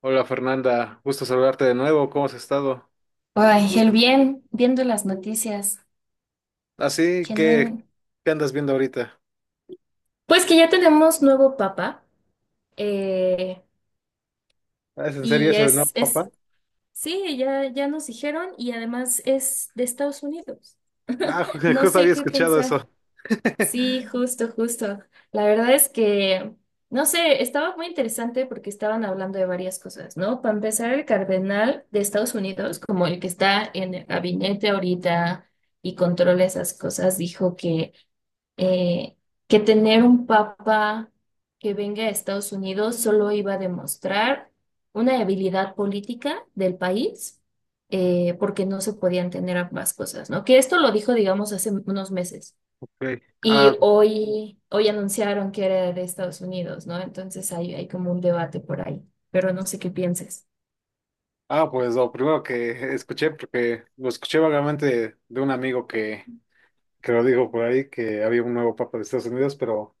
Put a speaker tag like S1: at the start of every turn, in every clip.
S1: Hola Fernanda, gusto saludarte de nuevo, ¿cómo has estado?
S2: Ay, el bien, viendo las noticias.
S1: Así,
S2: Que no
S1: ¿qué,
S2: en-
S1: qué andas viendo ahorita?
S2: Pues que ya tenemos nuevo papa. eh,
S1: Ah, ¿es en serio
S2: y
S1: eso de no,
S2: es,
S1: papá?
S2: es, sí, ya nos dijeron, y además es de Estados Unidos.
S1: Ah,
S2: No
S1: justo
S2: sé
S1: había
S2: qué
S1: escuchado
S2: pensar.
S1: eso.
S2: Sí, justo, justo. La verdad es que, no sé, estaba muy interesante porque estaban hablando de varias cosas, ¿no? Para empezar, el cardenal de Estados Unidos, como el que está en el gabinete ahorita y controla esas cosas, dijo que eh, que tener un papa que venga a Estados Unidos solo iba a demostrar una habilidad política del país, porque no se podían tener ambas cosas, ¿no? Que esto lo dijo, digamos, hace unos meses.
S1: Ok.
S2: Y
S1: Ah,
S2: hoy anunciaron que era de Estados Unidos, ¿no? Entonces hay como un debate por ahí, pero no sé qué pienses.
S1: pues lo primero que escuché, porque lo escuché vagamente de un amigo que lo dijo por ahí, que había un nuevo papa de Estados Unidos, pero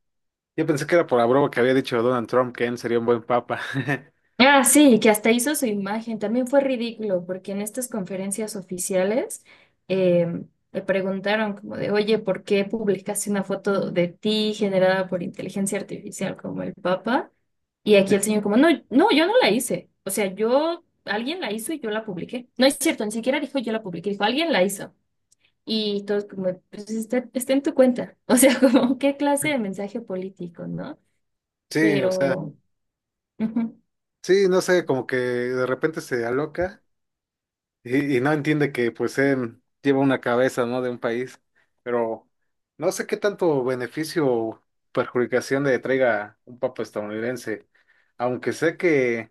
S1: yo pensé que era por la broma que había dicho Donald Trump, que él sería un buen papa.
S2: Ah, sí, que hasta hizo su imagen. También fue ridículo, porque en estas conferencias oficiales eh, le preguntaron como de, oye, ¿por qué publicaste una foto de ti generada por inteligencia artificial como el Papa? Y aquí el señor como, no, no, yo no la hice. O sea, yo, alguien la hizo y yo la publiqué. No es cierto, ni siquiera dijo yo la publiqué, dijo, alguien la hizo. Y todos como, pues está en tu cuenta. O sea, como, ¿qué clase de mensaje político, no?
S1: Sí, o sea,
S2: Pero. Ujú,
S1: sí, no sé, como que de repente se aloca. Y no entiende que pues él lleva una cabeza, ¿no? De un país, pero no sé qué tanto beneficio o perjudicación le traiga un papa estadounidense, aunque sé que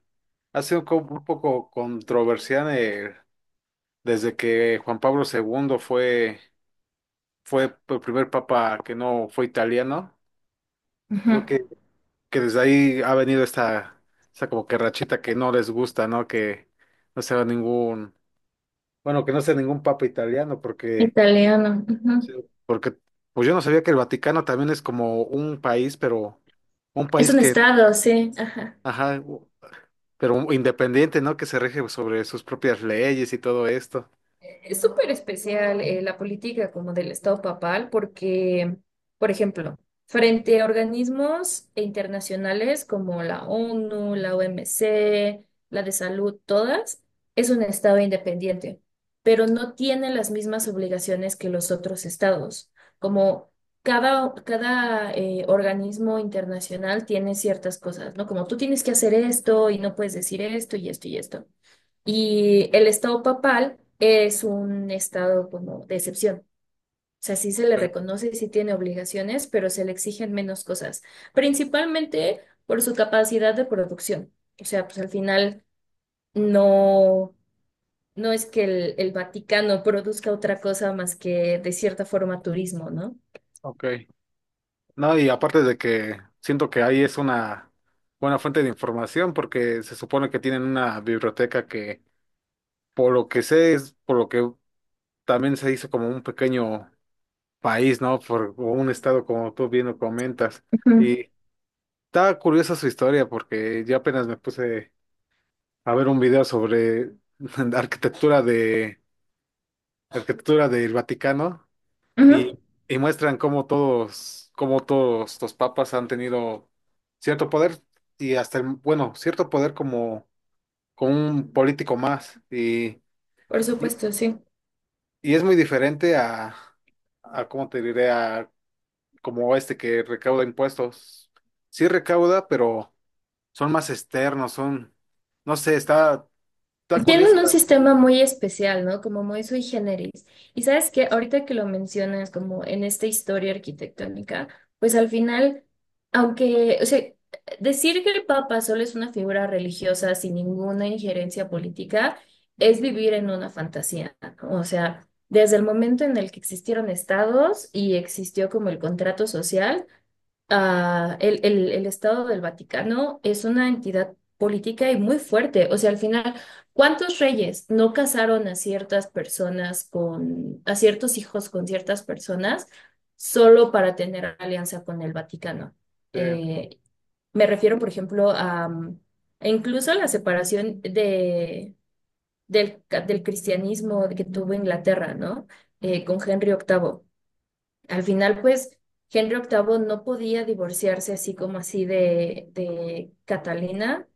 S1: ha sido un poco controversial, desde que Juan Pablo segundo fue el primer papa que no fue italiano.
S2: ujú.
S1: Creo que desde ahí ha venido esta como que rachita que no les gusta, ¿no? Que no sea bueno, que no sea ningún papa italiano, porque...
S2: Italiano.
S1: Sí.
S2: Ujú.
S1: Porque, pues yo no sabía que el Vaticano también es como un país, pero un
S2: Es
S1: país
S2: un estado, sí. Ajá.
S1: ajá, pero independiente, ¿no? Que se rige sobre sus propias leyes y todo esto.
S2: Es súper especial la política como del Estado papal porque, por ejemplo, frente a organismos internacionales como la ONU, la OMC, la de salud, todas, es un Estado independiente, pero no tiene las mismas obligaciones que los otros estados. Como cada organismo internacional tiene ciertas cosas, ¿no? Como tú tienes que hacer esto y no puedes decir esto y esto y esto. Y el estado papal es un estado como de excepción. O sea, sí se le reconoce, y sí tiene obligaciones, pero se le exigen menos cosas, principalmente por su capacidad de producción. O sea, pues al final no, no es que el Vaticano produzca otra cosa más que de cierta forma turismo, ¿no?
S1: Ok. No, y aparte de que siento que ahí es una buena fuente de información, porque se supone que tienen una biblioteca que, por lo que sé, es por lo que también se hizo como un pequeño país, ¿no? Por, o un estado, como tú bien lo comentas.
S2: Ujú,
S1: Y estaba curiosa su historia, porque yo apenas me puse a ver un video sobre arquitectura de arquitectura del Vaticano y,
S2: ujú.
S1: y muestran cómo todos los papas han tenido cierto poder y hasta bueno, cierto poder como un político más. Y
S2: Por supuesto, sí.
S1: y es muy diferente a cómo te diré, a como este que recauda impuestos. Sí recauda, pero son más externos, son, no sé, está curioso.
S2: Tienen un sistema muy especial, ¿no? Como muy sui generis. Y sabes que ahorita que lo mencionas, como en esta historia arquitectónica, pues al final, aunque, o sea, decir que el Papa solo es una figura religiosa sin ninguna injerencia política es vivir en una fantasía, ¿no? O sea, desde el momento en el que existieron estados y existió como el contrato social, ah, el Estado del Vaticano es una entidad política y muy fuerte. O sea, al final, ¿cuántos reyes no casaron a ciertas personas con, a ciertos hijos con ciertas personas solo para tener alianza con el Vaticano?
S1: este,
S2: Eh, me refiero, por ejemplo, a e incluso a la separación del cristianismo que tuvo Inglaterra, ¿no? Con Henry VIII. Al final, pues, Henry VIII no podía divorciarse así como así de, Catalina,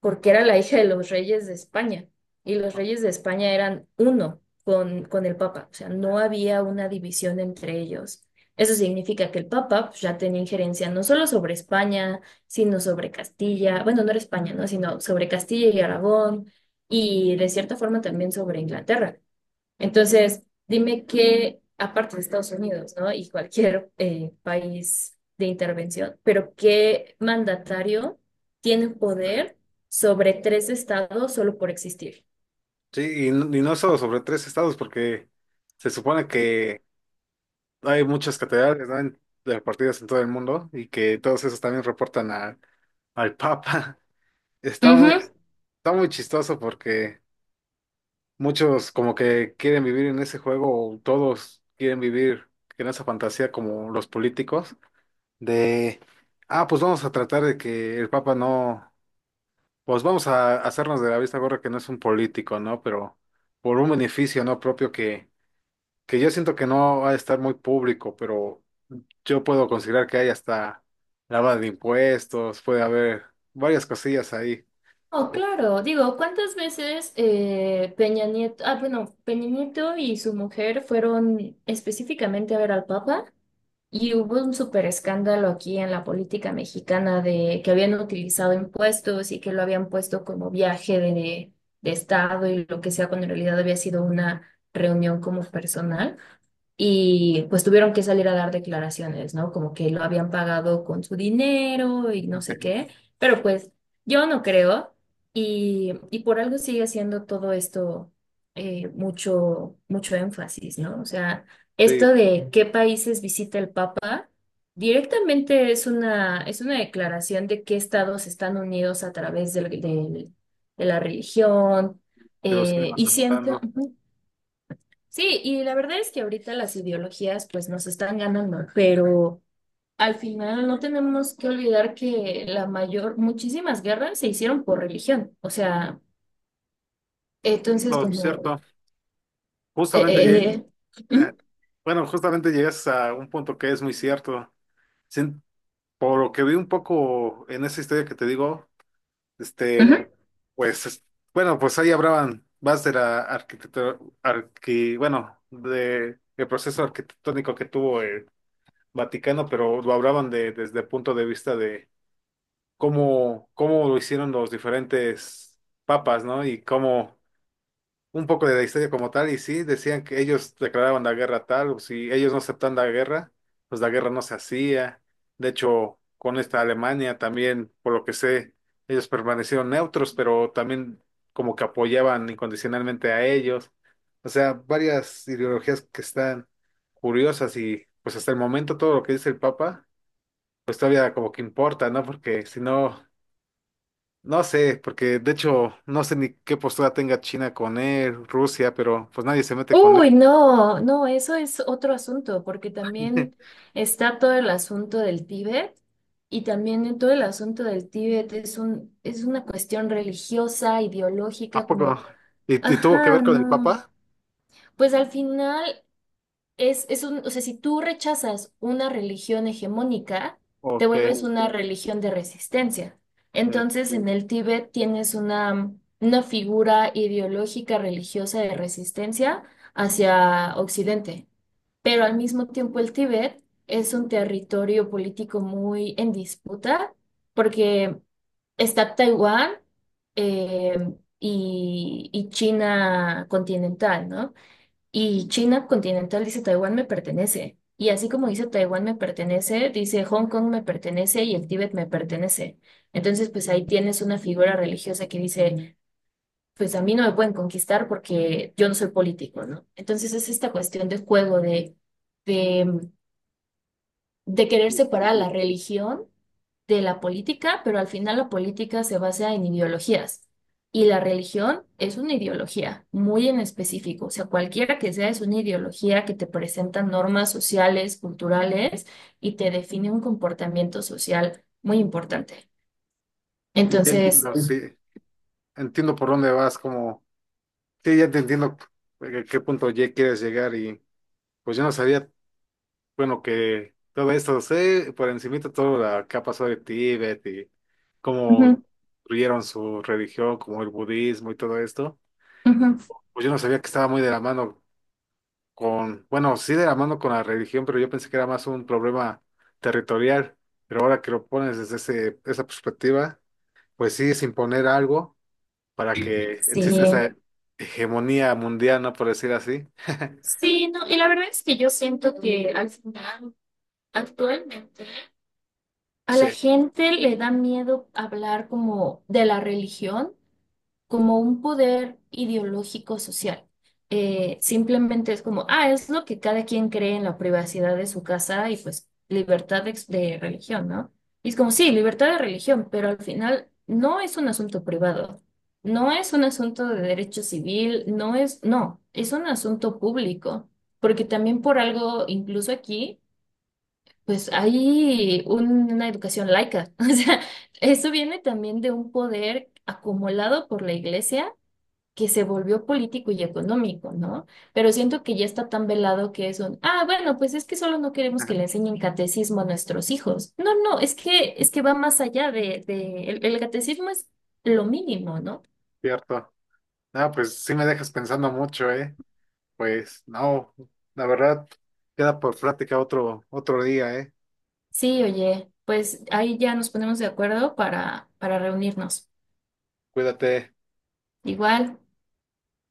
S2: porque era la hija de los reyes de España, y los reyes de España eran uno con el Papa, o sea, no había una división entre ellos. Eso significa que el Papa pues, ya tenía injerencia no solo sobre España, sino sobre Castilla, bueno, no era España, ¿no? Sino sobre Castilla y Aragón, y de cierta forma también sobre Inglaterra. Entonces, dime qué, aparte de Estados Unidos, ¿no? Y cualquier país de intervención, pero qué mandatario tiene poder sobre tres estados solo por existir.
S1: Sí, y, y no solo sobre tres estados, porque se supone que hay muchas catedrales, ¿no? Repartidas en todo el mundo y que todos esos también reportan al Papa. Está muy,
S2: Ujú.
S1: Está muy chistoso porque muchos como que quieren vivir en ese juego, o todos quieren vivir en esa fantasía como los políticos, de, ah, pues vamos a tratar de que el Papa no, pues vamos a hacernos de la vista gorda que no es un político, ¿no? Pero por un beneficio no propio que yo siento que no va a estar muy público, pero yo puedo considerar que hay hasta lavada de impuestos, puede haber varias cosillas ahí.
S2: Oh,
S1: O-
S2: claro, digo, ¿cuántas veces Peña Nieto, ah, bueno, Peña Nieto y su mujer fueron específicamente a ver al Papa? Y hubo un súper escándalo aquí en la política mexicana de que habían utilizado impuestos y que lo habían puesto como viaje de, estado y lo que sea, cuando en realidad había sido una reunión como personal. Y pues tuvieron que salir a dar declaraciones, ¿no? Como que lo habían pagado con su dinero y no sé qué. Pero pues yo no creo. Y por algo sigue siendo todo esto mucho, mucho énfasis, ¿no? O sea,
S1: Sí,
S2: esto de qué países visita el Papa, directamente es una declaración de qué estados están unidos a través de la religión.
S1: pero siguen
S2: Y siento,
S1: aceptando.
S2: ujú. Sí, y la verdad es que ahorita las ideologías pues nos están ganando, pero al final no tenemos que olvidar que muchísimas guerras se hicieron por religión. O sea, entonces
S1: No,
S2: como.
S1: cierto.
S2: eh,
S1: Justamente llegué,
S2: eh,
S1: eh,
S2: Ujú,
S1: bueno, justamente llegas a un punto que es muy cierto. Sin- por lo que vi un poco en esa historia que te digo, este,
S2: ujú.
S1: pues, es- bueno, pues ahí hablaban más de la arquitectura, bueno, de, el proceso arquitectónico que tuvo Vaticano, pero lo hablaban de, desde el punto de vista de cómo lo hicieron los diferentes papas, ¿no? Y cómo, un poco de la historia como tal, y sí, decían que ellos declaraban la guerra tal, o si ellos no aceptan la guerra, pues la guerra no se hacía. De hecho, con esta Alemania también, por lo que sé, ellos permanecieron neutros, pero también como que apoyaban incondicionalmente a ellos. O sea, varias ideologías que están curiosas y pues hasta el momento todo lo que dice el Papa pues todavía como que importa, ¿no? Porque si no, no sé, porque de hecho no sé ni qué postura tenga China con él, Rusia, pero pues nadie se mete con él.
S2: Uy, no, no, eso es otro asunto, porque también está todo el asunto del Tíbet y también en todo el asunto del Tíbet es una cuestión religiosa,
S1: ¿A
S2: ideológica, como,
S1: poco? Y tuvo que
S2: ajá,
S1: ver con el
S2: no.
S1: Papa?
S2: Pues al final o sea, si tú rechazas una religión hegemónica,
S1: ¿O
S2: te
S1: qué?
S2: vuelves una religión de resistencia.
S1: Eh,
S2: Entonces, en el Tíbet tienes una figura ideológica religiosa de resistencia hacia Occidente, pero al mismo tiempo el Tíbet es un territorio político muy en disputa porque está Taiwán eh, y China continental, ¿no? Y China continental dice Taiwán me pertenece. Y así como dice Taiwán me pertenece, dice Hong Kong me pertenece y el Tíbet me pertenece. Entonces, pues ahí tienes una figura religiosa que dice, pues a mí no me pueden conquistar porque yo no soy político, ¿no? Entonces es esta cuestión de juego, de de querer
S1: sí, sí.
S2: separar la religión de la política, pero al final la política se basa en ideologías y la religión es una ideología muy en específico, o sea, cualquiera que sea es una ideología que te presenta normas sociales, culturales y te define un comportamiento social muy importante.
S1: Ya
S2: Entonces,
S1: entiendo, sí, entiendo por dónde vas, como, sí, ya te entiendo a qué punto ya quieres llegar y pues yo no sabía, bueno, que todo esto, sé por encimita todo lo que ha pasado de Tíbet y cómo
S2: ujú,
S1: construyeron su religión, como el budismo y todo esto.
S2: ujú,
S1: Pues yo no sabía que estaba muy de la mano con, bueno, sí de la mano con la religión, pero yo pensé que era más un problema territorial, pero ahora que lo pones desde esa perspectiva, pues sí es imponer algo para que exista
S2: sí,
S1: esa hegemonía mundial, ¿no? Por decir así.
S2: sí, no, y la verdad es que yo siento que al final, actualmente, a la
S1: Sí.
S2: gente le da miedo hablar como de la religión, como un poder ideológico social. Simplemente es como, ah, es lo que cada quien cree en la privacidad de su casa y pues libertad de, de religión, ¿no? Y es como, sí, libertad de religión, pero al final no es un asunto privado, no es un asunto de derecho civil, no es, no, es un asunto público, porque también por algo, incluso aquí. Pues hay una educación laica. O sea, eso viene también de un poder acumulado por la iglesia que se volvió político y económico, ¿no? Pero siento que ya está tan velado que es un, ah, bueno, pues es que solo no queremos que
S1: Ajá.
S2: le enseñen catecismo a nuestros hijos. No, no, es que, va más allá. El catecismo es lo mínimo, ¿no?
S1: Cierto. Ah, pues sí me dejas pensando mucho, ¿eh? Pues no, la verdad, queda por plática otro día, ¿eh?
S2: Sí, oye, pues ahí ya nos ponemos de acuerdo para reunirnos.
S1: Cuídate.
S2: Igual.